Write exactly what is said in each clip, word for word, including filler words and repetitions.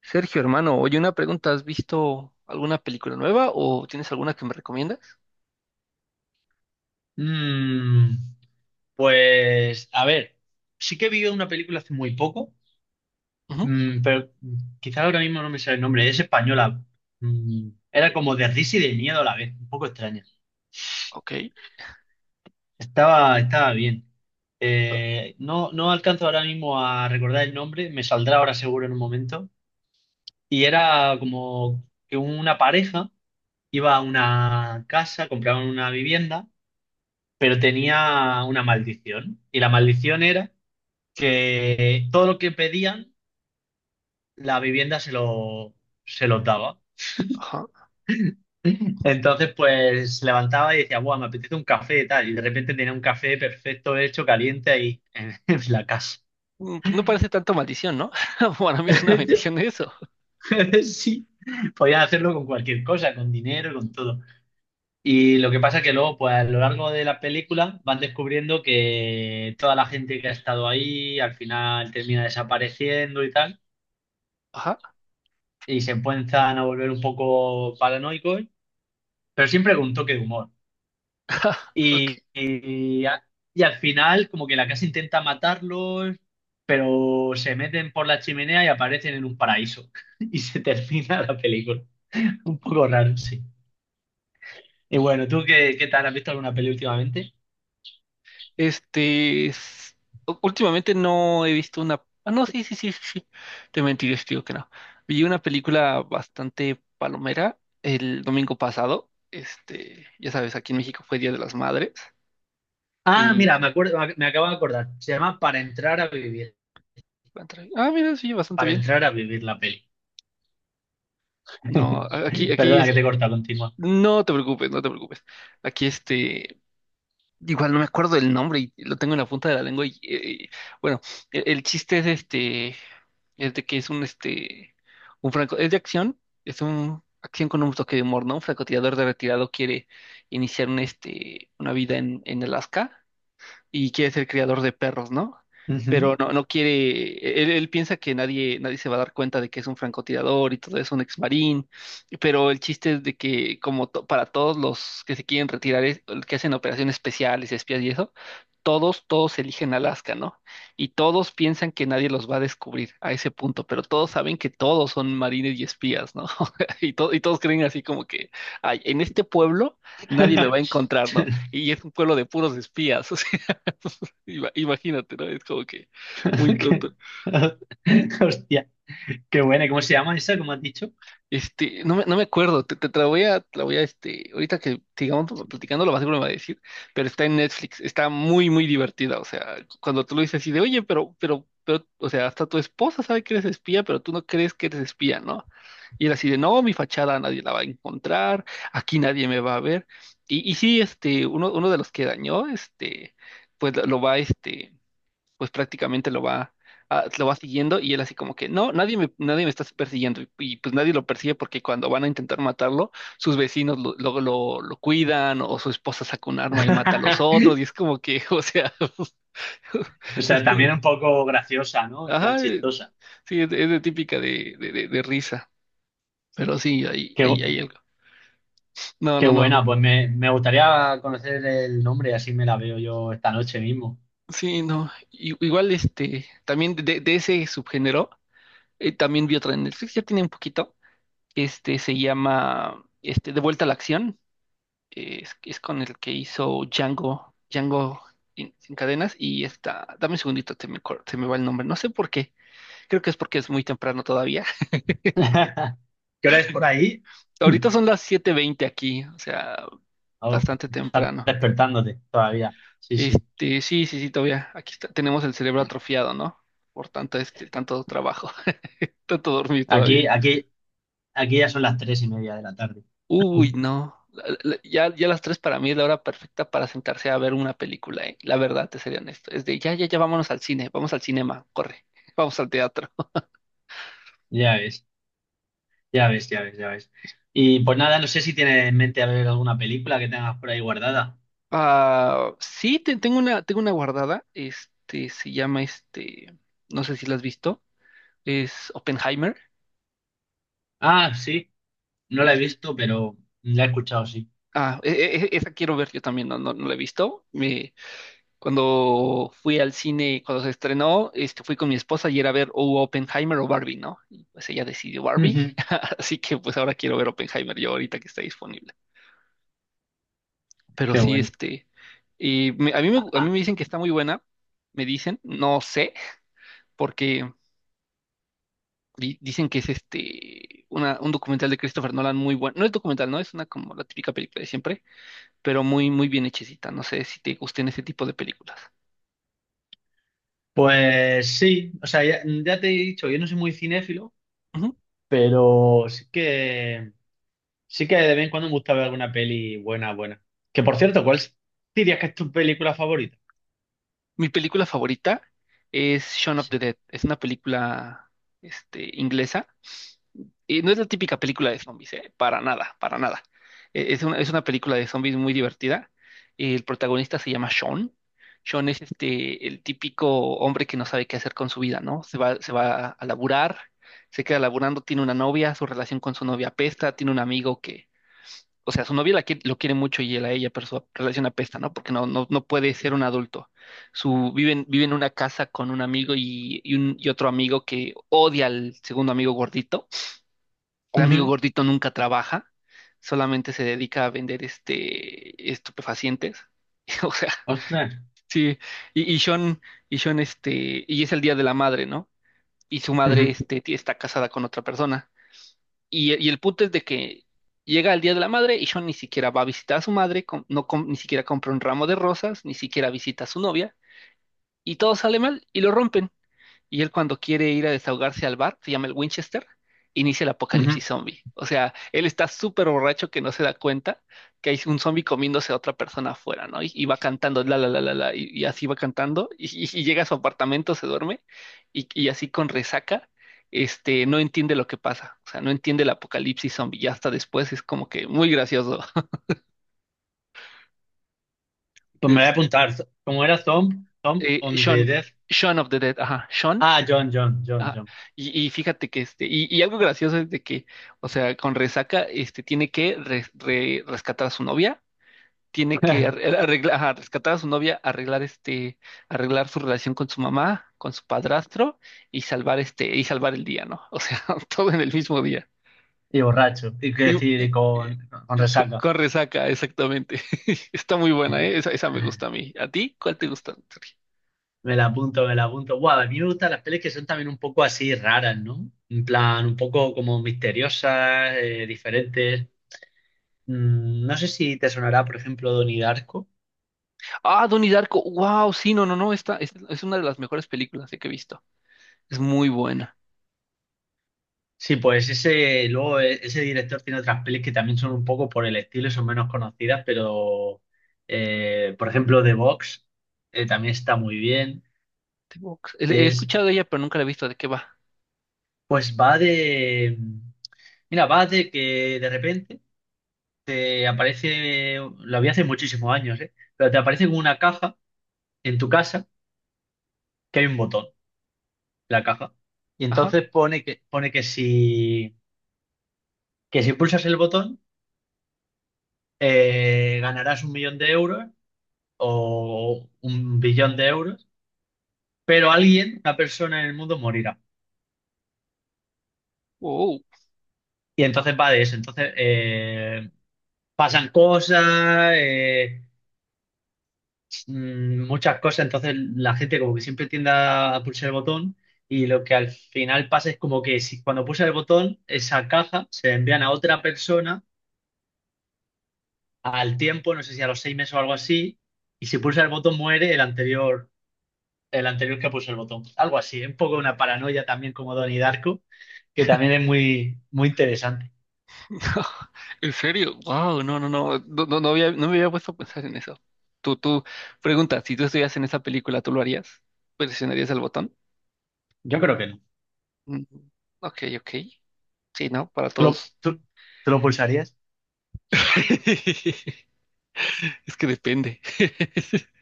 Sergio, hermano, oye, una pregunta, ¿has visto alguna película nueva o tienes alguna que me recomiendas? Mm, pues, a ver, sí que vi una película hace muy poco, Ujú. mm, pero quizá ahora mismo no me sale el nombre, es española. Mm, era como de risa y de miedo a la vez, un poco extraña. Ok. Estaba, estaba bien. Bueno. Eh, no, no alcanzo ahora mismo a recordar el nombre, me saldrá ahora seguro en un momento. Y era como que una pareja iba a una casa, compraban una vivienda, pero tenía una maldición. Y la maldición era que todo lo que pedían, la vivienda se lo, se lo daba. Ajá. Entonces, pues se levantaba y decía, guau, me apetece un café y tal. Y de repente tenía un café perfecto, hecho, caliente ahí en, en la casa. Mm. Pues no parece tanto maldición, ¿no? Para mí es una bendición eso. Sí, podías hacerlo con cualquier cosa, con dinero, con todo. Y lo que pasa es que luego, pues a lo largo de la película, van descubriendo que toda la gente que ha estado ahí al final termina desapareciendo y tal. Ajá. Y se empiezan a volver un poco paranoicos, pero siempre con un toque de humor. Y, Ok. y, a- y al final, como que la casa intenta matarlos, pero se meten por la chimenea y aparecen en un paraíso. Y se termina la película. Un poco raro, sí. Y bueno, ¿tú qué, qué tal? ¿Has visto alguna peli últimamente? Este, es- u- Últimamente no he visto una. Ah, no, sí, sí, sí, sí, sí. Te mentiré, si te digo que no. Vi una película bastante palomera el domingo pasado. Este, ya sabes, aquí en México fue Día de las Madres. Ah, Y. mira, me acuerdo, me acabo de acordar. Se llama Para entrar a vivir. Ah, mira, sí, bastante Para bien. entrar a vivir, la peli. No, a- aquí, aquí Perdona que es. te corta, continúa. No te preocupes, no te preocupes. Aquí este. Igual no me acuerdo del nombre y lo tengo en la punta de la lengua. Y, eh, bueno, e- el, chiste es este. Es de que es un este. Un franco. Es de acción. Es un acción con un toque de humor, ¿no? Un francotirador de retirado quiere iniciar un, este, una vida en, en Alaska y quiere ser criador de perros, ¿no? Ujú. Pero no, no quiere, él, él piensa que nadie, nadie se va a dar cuenta de que es un francotirador y todo es un ex marín, pero el chiste es de que como to- para todos los que se quieren retirar, es- que hacen operaciones especiales, espías y eso, todos, todos eligen Alaska, ¿no? Y todos piensan que nadie los va a descubrir a ese punto, pero todos saben que todos son marines y espías, ¿no? Y, to- y todos creen así como que, ay, en este pueblo nadie me va a encontrar, ¿no? Y es un pueblo de puros espías. Ima- Imagínate, ¿no? Es como que muy tonto. Hostia, qué buena. ¿Cómo se llama esa? ¿Cómo has dicho? Este, no me, no me acuerdo, te, te- te la voy a, te la voy a, este, ahorita que sigamos platicando, lo más seguro me va a decir, pero está en Netflix, está muy, muy divertida, o sea, cuando tú lo dices así de, oye, pero, pero, pero, o sea, hasta tu esposa sabe que eres espía, pero tú no crees que eres espía, ¿no? Y él así de, no, mi fachada nadie la va a encontrar, aquí nadie me va a ver. Y, y sí, este, uno, uno de los que dañó, este, pues lo va, este pues prácticamente lo va, ah, lo va siguiendo y él así como que, no, nadie me, nadie me está persiguiendo y, y, pues nadie lo persigue porque cuando van a intentar matarlo, sus vecinos lo- luego lo, lo cuidan o su esposa saca un arma y mata a los otros y es como que, o sea, O es sea, como, también un poco graciosa, ¿no? En plan, ajá, eh, chistosa. sí, es, es de típica de, de, de- de risa, pero sí, hay, Qué, bu- hay, hay algo. No, qué no, no. buena. Pues me, me gustaría conocer el nombre, así me la veo yo esta noche mismo. Sí, no. I- Igual este, también de, de ese subgénero, eh, también vi otra en Netflix, ya tiene un poquito. Este se llama este, De vuelta a la acción. eh, Es, es con el que hizo Django, Django sin, sin cadenas. Y está, dame un segundito, se me, cor- se me va el nombre. No sé por qué. Creo que es porque es muy temprano todavía. ¿Qué hora es por ahí? Ahorita son las siete veinte aquí, o sea, Oh, bastante estás temprano. despertándote todavía. Sí, sí. Este, sí, sí, sí, todavía. Aquí está- tenemos el cerebro atrofiado, ¿no? Por tanto, este, tanto trabajo, tanto dormir todavía. Aquí, aquí, aquí ya son las tres y media de la tarde. Uy, no. La- la- Ya, ya las tres para mí es la hora perfecta para sentarse a ver una película, ¿eh? La verdad, te sería honesto. Es de ya, ya, ya vámonos al cine, vamos al cinema, corre, vamos al teatro. Ya ves, ya ves, ya ves, ya ves. Y pues nada, no sé si tienes en mente a ver alguna película que tengas por ahí guardada. Ah, sí, te- tengo una, tengo una guardada. Este se llama este, no sé si la has visto. Es Oppenheimer. Ah, sí, no la he Y visto, pero la he escuchado, sí. ah, e- e- e- esa quiero ver yo también, no, no, no la he visto. Cuando fui al cine, cuando se estrenó, este, fui con mi esposa y era a ver o Oppenheimer o Barbie, ¿no? Y pues ella decidió Barbie, Ujú. así que pues ahora quiero ver Oppenheimer yo ahorita que está disponible. Pero Qué sí, bueno. este, y me- a mí me, Ah, a mí ah. me dicen que está muy buena, me dicen, no sé, porque di- dicen que es este, una, un documental de Christopher Nolan muy bueno. No es documental, no, es una como la típica película de siempre, pero muy, muy bien hechecita. No sé si te gusten ese tipo de películas. Pues sí, o sea, ya, ya te he dicho, yo no soy muy cinéfilo, pero sí que sí que de vez en cuando me gusta ver alguna peli buena, buena. Que por cierto, ¿cuál dirías que es tu película favorita? Mi película favorita es Shaun of the Dead. Es una película, este, inglesa. Y no es la típica película de zombies, ¿eh? Para nada, para nada. Eh, Es una, es una película de zombies muy divertida. El protagonista se llama Sean. Sean es este, el típico hombre que no sabe qué hacer con su vida, ¿no? Se va, se va a laburar, se queda laburando, tiene una novia, su relación con su novia apesta, tiene un amigo o sea, su novia la quiere- lo quiere mucho y él a ella, pero su relación apesta, ¿no? Porque no, no, no puede ser un adulto. Su, vive, en, vive en una casa con un amigo y, y un, y otro amigo que odia al segundo amigo gordito. El amigo Ujú. gordito nunca trabaja, solamente se dedica a vender este, estupefacientes. O sea, Ostras. sí. Y, y Sean, y Sean, este, y es el Día de la Madre, ¿no? Y su madre, Ujú, este, tí- está casada con otra persona. Y, y el punto es de que llega el Día de la Madre y Sean ni siquiera va a visitar a su madre, com- no com- ni siquiera compra un ramo de rosas, ni siquiera visita a su novia, y todo sale mal y lo rompen y él cuando quiere ir a desahogarse al bar, se llama el Winchester, inicia el ujú. apocalipsis zombie. O sea, él está súper borracho que no se da cuenta que hay un zombie comiéndose a otra persona afuera, ¿no? Y, y va cantando, la, la, la, la, la, y, y así va cantando, y, y- y llega a su apartamento, se duerme, y, y así con resaca, este, no entiende lo que pasa, o sea, no entiende el apocalipsis zombie, y hasta después es como que muy gracioso. Pues me voy a Es apuntar. Como era Thumb, Thumb eh, on the Shaun, Death. Shaun of the Dead. Ajá, Shaun. Ah, John, John, John, Ah, John. y, y fíjate que este, y, y algo gracioso es de que, o sea, con Resaca, este, tiene que res- re- rescatar a su novia, tiene que arreglar, rescatar a su novia, arreglar este, arreglar su relación con su mamá, con su padrastro, y salvar este, y salvar el día, ¿no? O sea, todo en el mismo día. Y borracho. Y que Y- decir, y- y y- con, con y co- resaca. con, Resaca, exactamente. Está muy buena, ¿eh? Esa, esa me gusta a mí. ¿A ti? ¿Cuál te gusta? Me la apunto, me la apunto. Guau, a mí me gustan las pelis que son también un poco así raras, ¿no? En plan, un poco como misteriosas, eh, diferentes. Mm, no sé si te sonará, por ejemplo, Donnie Darko. Ah, Donnie Darko. Wow, sí, no, no, no. Esta, es es una de las mejores películas eh, que he visto. Es muy buena. Sí, pues ese, luego eh, ese director tiene otras pelis que también son un poco por el estilo y son menos conocidas, pero eh, por ejemplo, The Box eh, también está muy bien. The Box. He he Es, escuchado de ella, pero nunca la he visto. ¿De qué va? pues va de, mm, mira, va de que de repente te aparece, lo vi hace muchísimos años, ¿eh? Pero te aparece como una caja en tu casa que hay un botón, en la caja. Y Ajá. entonces pone que, pone que si, que si pulsas el botón, eh, ganarás un millón de euros o un billón de euros, pero alguien, una persona en el mundo morirá. Wow. Y entonces va de eso. Entonces eh, pasan cosas, eh, mm, muchas cosas. Entonces la gente como que siempre tiende a pulsar el botón, y lo que al final pasa es como que si cuando pulsa el botón, esa caja se la envían a otra persona al tiempo, no sé si a los seis meses o algo así, y si pulsa el botón muere el anterior, el anterior que puso el botón. Algo así, es un poco una paranoia también como Donnie Darko, que también es muy, muy interesante. ¿En serio? Wow. No, no, no. No, no, no había, no me había puesto a pensar en eso. Tú, tú, pregunta, si tú estuvieras en esa película, ¿tú lo harías? ¿Presionarías el botón? Yo creo que no. Mm. Ok, ok. Sí, ¿no? Para ¿Tú lo, todos. tú- tú lo pulsarías? Es que depende.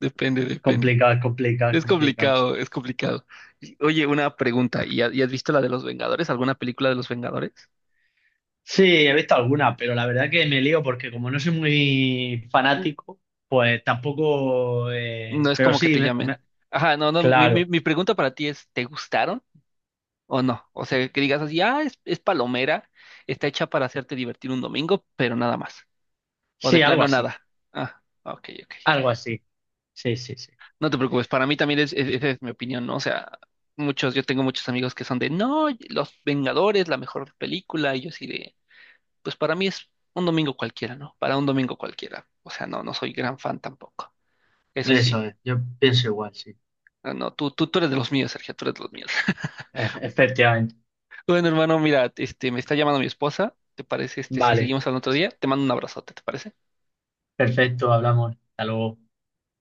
Depende, depende. Complicado, complicado, Es complicado, sí. complicado, es complicado. Y, Oye, una pregunta. ¿Y ha- y has visto la de los Vengadores? ¿Alguna película de los Vengadores? Sí, he visto algunas, pero la verdad que me lío porque como no soy muy fanático, pues tampoco... No eh, es pero como que sí, te me- llamen. me- Ajá, no, no, mi, mi, claro. mi pregunta para ti es, ¿te gustaron o no? O sea, que digas así, ah, es, es palomera, está hecha para hacerte divertir un domingo, pero nada más. O de Sí, algo plano así. nada. Ah, ok, ok. Algo así. Sí, sí, sí. No te preocupes, para mí también es, es- esa es mi opinión, ¿no? O sea, muchos, yo tengo muchos amigos que son de, no, Los Vengadores, la mejor película, y yo así de, pues para mí es un domingo cualquiera, ¿no? Para un domingo cualquiera. O sea, no, no soy gran fan tampoco. Eso sí. Eso es. Yo pienso igual, sí. No, no, tú, tú, tú eres de los míos, Sergio, tú eres de los míos. Efe- Efectivamente. Bueno, hermano, mira, este, me está llamando mi esposa. ¿Te parece, este, si Vale. seguimos al otro día? Te mando un abrazote, ¿te parece? Perfecto, hablamos. Hasta luego.